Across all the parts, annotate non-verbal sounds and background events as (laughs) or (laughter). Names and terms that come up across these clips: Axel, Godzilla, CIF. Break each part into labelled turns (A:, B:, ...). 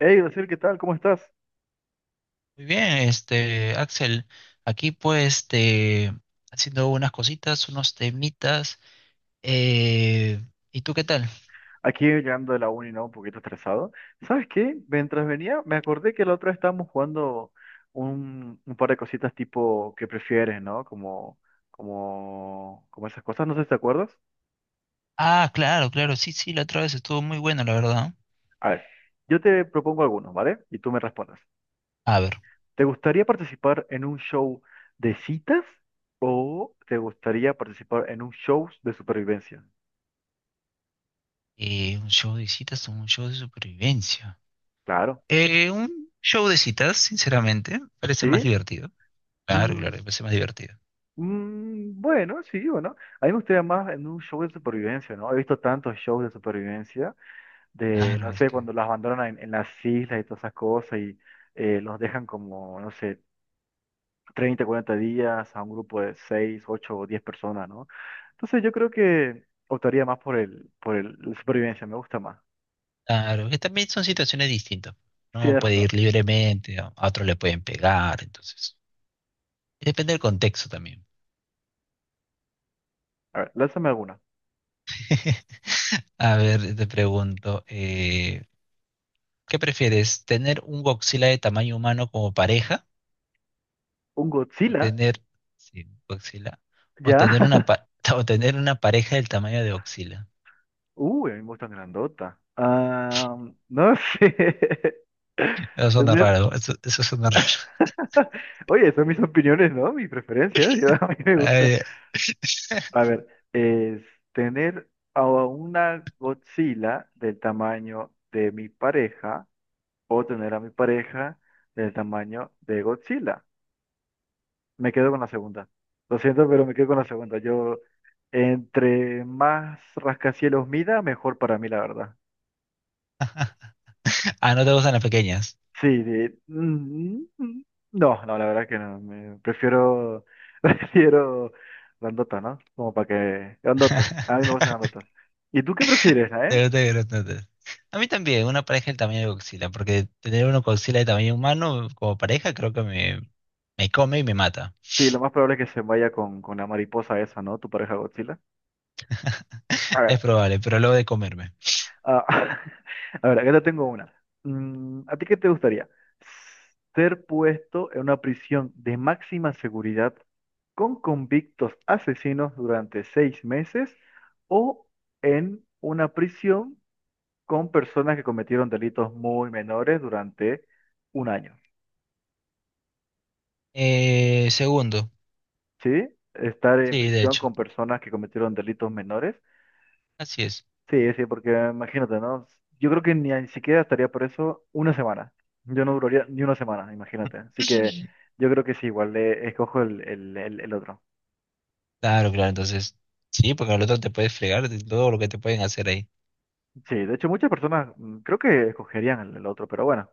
A: Hey, Graciel, ¿qué tal? ¿Cómo estás?
B: Muy bien, Axel, aquí pues haciendo unas cositas, unos temitas. eh, ¿Y tú qué tal?
A: Aquí llegando de la uni, ¿no? Un poquito estresado. ¿Sabes qué? Mientras venía, me acordé que la otra vez estábamos jugando un par de cositas tipo que prefieres, ¿no? Como esas cosas, no sé si te acuerdas.
B: Ah, claro, claro, sí, sí, la otra vez estuvo muy buena, la verdad.
A: A ver, yo te propongo algunos, ¿vale? Y tú me respondes.
B: A ver,
A: ¿Te gustaría participar en un show de citas o te gustaría participar en un show de supervivencia?
B: un show de citas o un show de supervivencia.
A: Claro,
B: Un show de citas, sinceramente, parece
A: ¿sí?
B: más divertido. Claro, claro,
A: Mm.
B: parece más divertido.
A: Mm, bueno, sí, bueno. A mí me gustaría más en un show de supervivencia, ¿no? He visto tantos shows de supervivencia, de,
B: Claro,
A: no
B: es
A: sé,
B: que,
A: cuando las abandonan en, las islas y todas esas cosas y los dejan como, no sé, 30, 40 días a un grupo de 6 8 o 10 personas, ¿no? Entonces yo creo que optaría más por la supervivencia, me gusta más.
B: claro, que también son situaciones distintas.
A: Sí,
B: No
A: tienes
B: puede
A: razón.
B: ir libremente, a otros le pueden pegar, entonces, depende del contexto también.
A: A ver, lánzame alguna.
B: (laughs) A ver, te pregunto, ¿qué prefieres? ¿Tener un Godzilla de tamaño humano como pareja?
A: ¿Un
B: ¿O
A: Godzilla?
B: tener, sí, Godzilla? ¿O
A: ¿Ya?
B: tener una,
A: (laughs)
B: (laughs) o tener una pareja del tamaño de Godzilla?
A: Uy, a mí me gustan grandota. Ah, no sé.
B: Eso
A: (laughs)
B: suena
A: Tener
B: raro, eso suena raro.
A: (laughs) Oye, son mis opiniones, ¿no? Mis preferencias. Yo, (laughs) a mí me
B: (laughs)
A: gusta.
B: Ay,
A: A ver, es tener a una Godzilla del tamaño de mi pareja o tener a mi pareja del tamaño de Godzilla. Me quedo con la segunda. Lo siento, pero me quedo con la segunda. Yo, entre más rascacielos mida, mejor para mí, la verdad.
B: (laughs) ah, no te gustan las pequeñas.
A: Sí, no, no, la verdad que no. Prefiero, (laughs) prefiero grandotas, ¿no? Como para que... Grandotas, a mí me gustan
B: (laughs)
A: grandotas. ¿Y tú qué prefieres, eh?
B: Te gustan grandotes. A mí también, una pareja del tamaño de Godzilla, porque tener uno Godzilla de tamaño humano como pareja creo que me come y me mata.
A: Sí, lo más probable es que se vaya con la mariposa esa, ¿no? Tu pareja Godzilla. A
B: (laughs) Es
A: ver.
B: probable, pero luego de comerme.
A: Ah, (laughs) a ver, acá te tengo una. ¿A ti qué te gustaría? ¿Ser puesto en una prisión de máxima seguridad con convictos asesinos durante 6 meses o en una prisión con personas que cometieron delitos muy menores durante un año?
B: Segundo,
A: ¿Sí? Estar en
B: sí, de
A: prisión
B: hecho,
A: con personas que cometieron delitos menores.
B: así es.
A: Sí, sí, porque imagínate, ¿no? Yo creo que ni siquiera estaría por eso una semana. Yo no duraría ni una semana, imagínate. Así que
B: (laughs)
A: yo creo que sí, igual le escojo el otro.
B: Claro, claro, entonces, sí, porque al otro te puedes fregar de todo lo que te pueden hacer ahí.
A: Sí, de hecho muchas personas creo que escogerían el otro, pero bueno,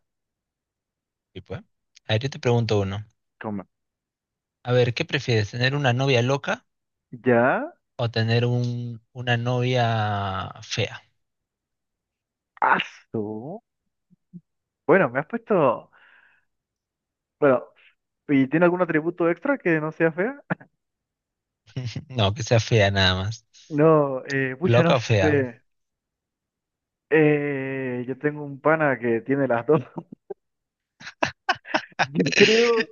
B: Y pues, a ver, yo te pregunto uno.
A: como
B: A ver, ¿qué prefieres, tener una novia loca
A: ya,
B: o tener una novia fea?
A: asu. Bueno, me has puesto, bueno, ¿y tiene algún atributo extra que no sea fea? (laughs)
B: (laughs) No, que sea fea nada más.
A: No, pucha, no
B: ¿Loca o fea?
A: sé. Yo tengo un pana que tiene las dos. (laughs) Yo creo.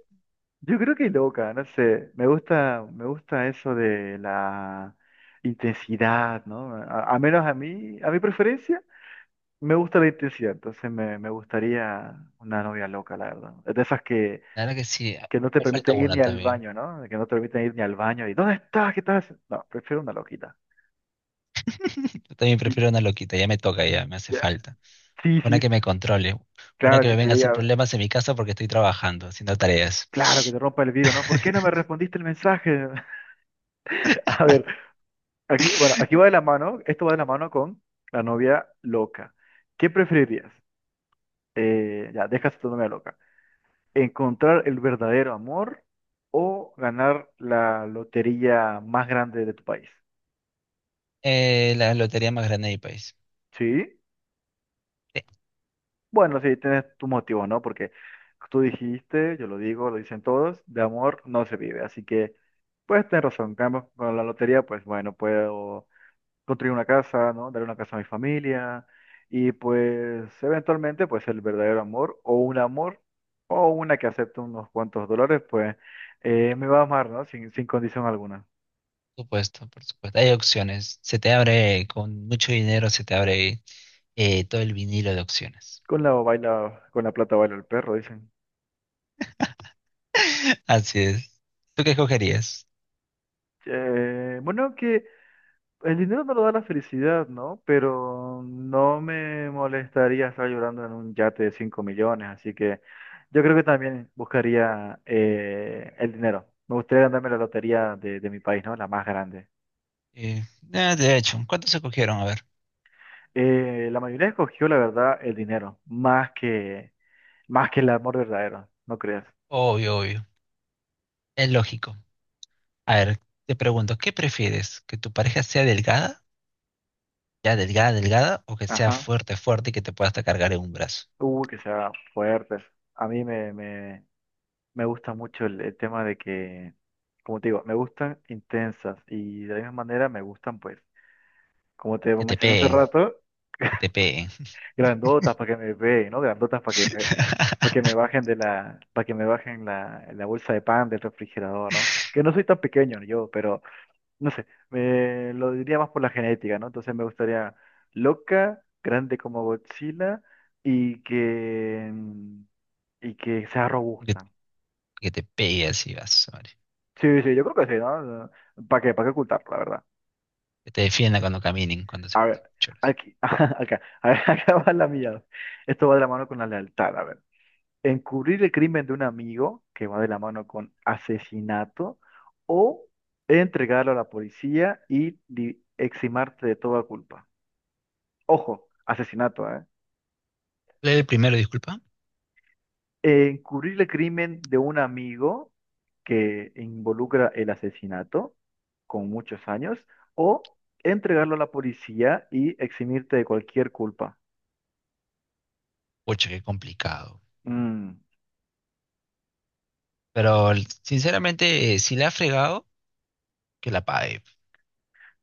A: Yo creo que loca, no sé, me gusta eso de la intensidad, ¿no? A menos a mí, a mi preferencia, me gusta la intensidad, entonces me gustaría una novia loca, la verdad. Es de esas que,
B: Claro que sí,
A: que no te
B: me falta
A: permiten ir ni
B: una
A: al
B: también.
A: baño, ¿no? Que no te permiten ir ni al baño y ¿dónde estás? ¿Qué estás haciendo? No, prefiero una loquita.
B: (laughs) Yo también
A: Y,
B: prefiero una loquita, ya me toca, ya me hace
A: ya,
B: falta.
A: sí,
B: Una
A: sí,
B: que me controle, una
A: claro
B: que
A: que
B: me
A: te
B: venga a hacer
A: diga,
B: problemas en mi casa porque estoy trabajando, haciendo tareas.
A: claro que te rompa el vidrio, ¿no? ¿Por qué no me
B: (laughs)
A: respondiste el mensaje? (laughs) A ver. Aquí, bueno, aquí va de la mano, esto va de la mano con la novia loca. ¿Qué preferirías? Ya, dejas a tu novia loca. ¿Encontrar el verdadero amor o ganar la lotería más grande de tu país?
B: La lotería más grande del país.
A: ¿Sí?
B: Sí,
A: Bueno, sí, tienes tu motivo, ¿no? Porque tú dijiste, yo lo digo, lo dicen todos, de amor no se vive. Así que, pues, tienes razón. Cambio, con la lotería, pues, bueno, puedo construir una casa, ¿no? Dar una casa a mi familia y pues eventualmente pues el verdadero amor o un amor o una que acepte unos cuantos dólares pues me va a amar, ¿no? Sin condición alguna.
B: por supuesto, por supuesto. Hay opciones. Se te abre, con mucho dinero, se te abre todo el vinilo de opciones.
A: Con la plata baila el perro, dicen.
B: (laughs) Así es. ¿Tú qué escogerías?
A: Bueno, que el dinero no lo da la felicidad, ¿no? Pero no me molestaría estar llorando en un yate de 5 millones, así que yo creo que también buscaría el dinero. Me gustaría ganarme la lotería de mi país, ¿no? La más grande.
B: Eh, ah, de hecho, ¿cuántos escogieron? A ver.
A: La mayoría escogió, la verdad, el dinero, más que el amor verdadero, ¿no crees?
B: Obvio, obvio. Es lógico. A ver, te pregunto, ¿qué prefieres? ¿Que tu pareja sea delgada? ¿Ya delgada, delgada? ¿O que sea
A: Ajá.
B: fuerte, fuerte y que te pueda hasta cargar en un brazo?
A: Que sea fuerte. A mí me gusta mucho el tema de que, como te digo, me gustan intensas y de la misma manera me gustan, pues. Como te
B: Que te
A: mencioné hace
B: peguen,
A: rato,
B: que te peguen.
A: grandotas para que me vean, ¿no? Grandotas
B: (laughs)
A: para que me bajen la bolsa de pan del refrigerador, ¿no? Que no soy tan pequeño yo, pero no sé, me lo diría más por la genética, ¿no? Entonces me gustaría loca, grande como Godzilla y que sea
B: Que,
A: robusta.
B: que te pegue así, vas.
A: Sí, sí, yo creo que sí, ¿no? ¿Para qué? ¿Para qué ocultarlo, la verdad?
B: Que te defienda cuando caminen, cuando
A: A ver,
B: choras.
A: aquí, (laughs) acá, a ver, (laughs) acá va la mía. Esto va de la mano con la lealtad, a ver. Encubrir el crimen de un amigo, que va de la mano con asesinato, o entregarlo a la policía y eximarte de toda culpa. Ojo, asesinato, ¿eh?
B: Lee el primero, disculpa.
A: Encubrir el crimen de un amigo que involucra el asesinato con muchos años, o entregarlo a la policía y eximirte de cualquier culpa.
B: Pucha, qué complicado.
A: Mm,
B: Pero sinceramente, si le ha fregado, que la pague.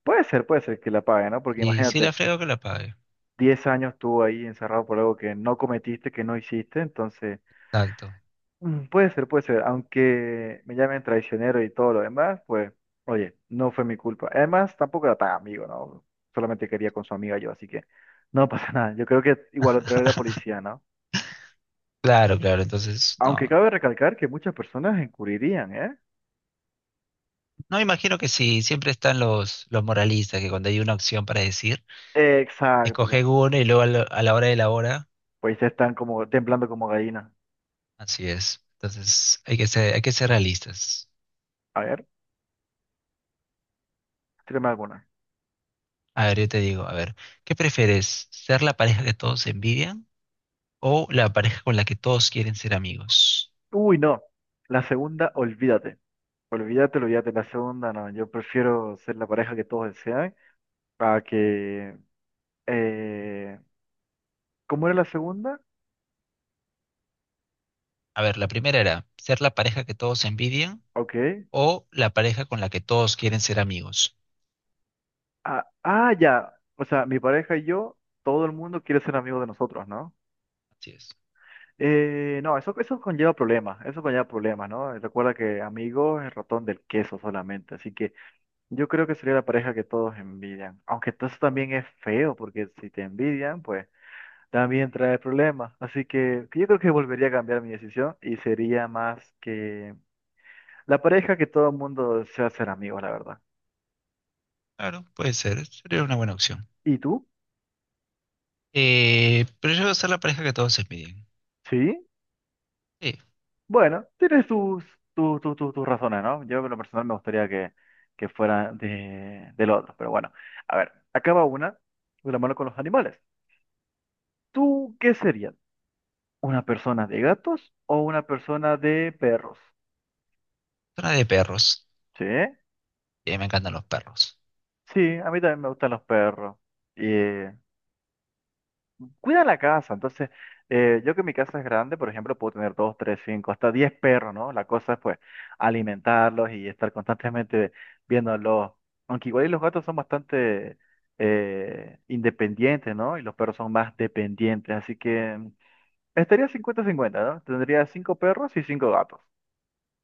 A: Puede ser que la pague, ¿no? Porque
B: Y si le
A: imagínate.
B: ha fregado, que la pague.
A: 10 años estuvo ahí encerrado por algo que no cometiste, que no hiciste, entonces
B: Exacto.
A: puede ser, aunque me llamen traicionero y todo lo demás, pues oye, no fue mi culpa. Además, tampoco era tan amigo, ¿no? Solamente quería con su amiga yo, así que no pasa (laughs) nada. Yo creo que igual lo traeré a la policía, ¿no?
B: Claro, claro. Entonces,
A: Aunque
B: no.
A: cabe recalcar que muchas personas encubrirían, ¿eh?
B: No imagino que sí. Siempre están los moralistas que cuando hay una opción para decir,
A: Exacto,
B: escoge
A: ¿no?
B: uno y luego a la hora de la hora.
A: Pues ya están como temblando como gallinas.
B: Así es. Entonces, hay que ser realistas.
A: A ver, tírame alguna.
B: A ver, yo te digo, a ver, ¿qué prefieres? ¿Ser la pareja que todos envidian, o la pareja con la que todos quieren ser amigos?
A: Uy, no. La segunda, olvídate. Olvídate, olvídate, la segunda no. Yo prefiero ser la pareja que todos desean para que... eh, ¿Cómo era la segunda?
B: A ver, la primera era ser la pareja que todos envidian
A: Ok.
B: o la pareja con la que todos quieren ser amigos.
A: Ah, ah, ya. O sea, mi pareja y yo, todo el mundo quiere ser amigo de nosotros, ¿no?
B: Así es.
A: No, eso, conlleva problemas, eso conlleva problemas, ¿no? Recuerda que amigo es el ratón del queso solamente, así que yo creo que sería la pareja que todos envidian, aunque todo eso también es feo, porque si te envidian, pues... también trae problemas. Así que yo creo que volvería a cambiar mi decisión y sería más que la pareja que todo el mundo desea ser amigos, la verdad.
B: Claro, puede ser, sería una buena opción.
A: ¿Y tú?
B: Pero yo voy a ser la pareja que todos envidian.
A: Sí.
B: Sí,
A: Bueno, tienes tus, tu- tu- tu- tus razones, ¿no? Yo en lo personal me gustaría que fuera del otro. Pero bueno, a ver, acaba una de la mano con los animales. ¿Tú qué serías? ¿Una persona de gatos o una persona de perros?
B: zona de perros.
A: Sí.
B: Y a mí me encantan los perros.
A: Sí, a mí también me gustan los perros. Cuida la casa. Entonces, yo que mi casa es grande, por ejemplo, puedo tener dos, tres, cinco, hasta 10 perros, ¿no? La cosa es, pues, alimentarlos y estar constantemente viéndolos. Aunque igual y los gatos son bastante independientes, ¿no? Y los perros son más dependientes. Así que estaría 50-50, ¿no? Tendría cinco perros y cinco gatos.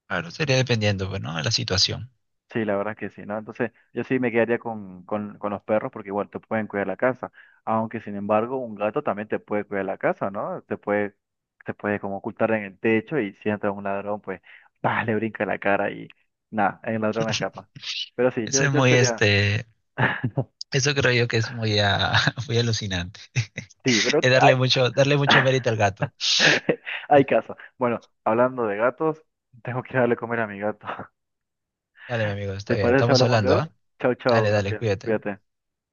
B: Claro, sería dependiendo, pues, ¿no? De la situación.
A: Sí, la verdad que sí, ¿no? Entonces, yo sí me quedaría con los perros porque igual te pueden cuidar la casa. Aunque, sin embargo, un gato también te puede cuidar la casa, ¿no? Te puede como ocultar en el techo y si entra un ladrón, pues, (laughs) ¡pah! Le brinca en la cara y nada, el ladrón escapa. Pero sí,
B: Eso
A: yo,
B: es
A: yo
B: muy,
A: sería...
B: este,
A: (laughs)
B: eso creo yo que es muy, ah, (laughs) muy alucinante.
A: Sí, pero
B: Es
A: hay,
B: darle mucho mérito al gato.
A: (laughs) hay caso. Bueno, hablando de gatos, tengo que darle a comer a mi gato. (laughs)
B: Dale, mi amigo, está
A: ¿Te
B: bien.
A: parece? Si
B: Estamos
A: hablamos
B: hablando,
A: luego.
B: ¿ah?
A: Chau, chau,
B: Dale, dale,
A: Graciela.
B: cuídate.
A: Cuídate.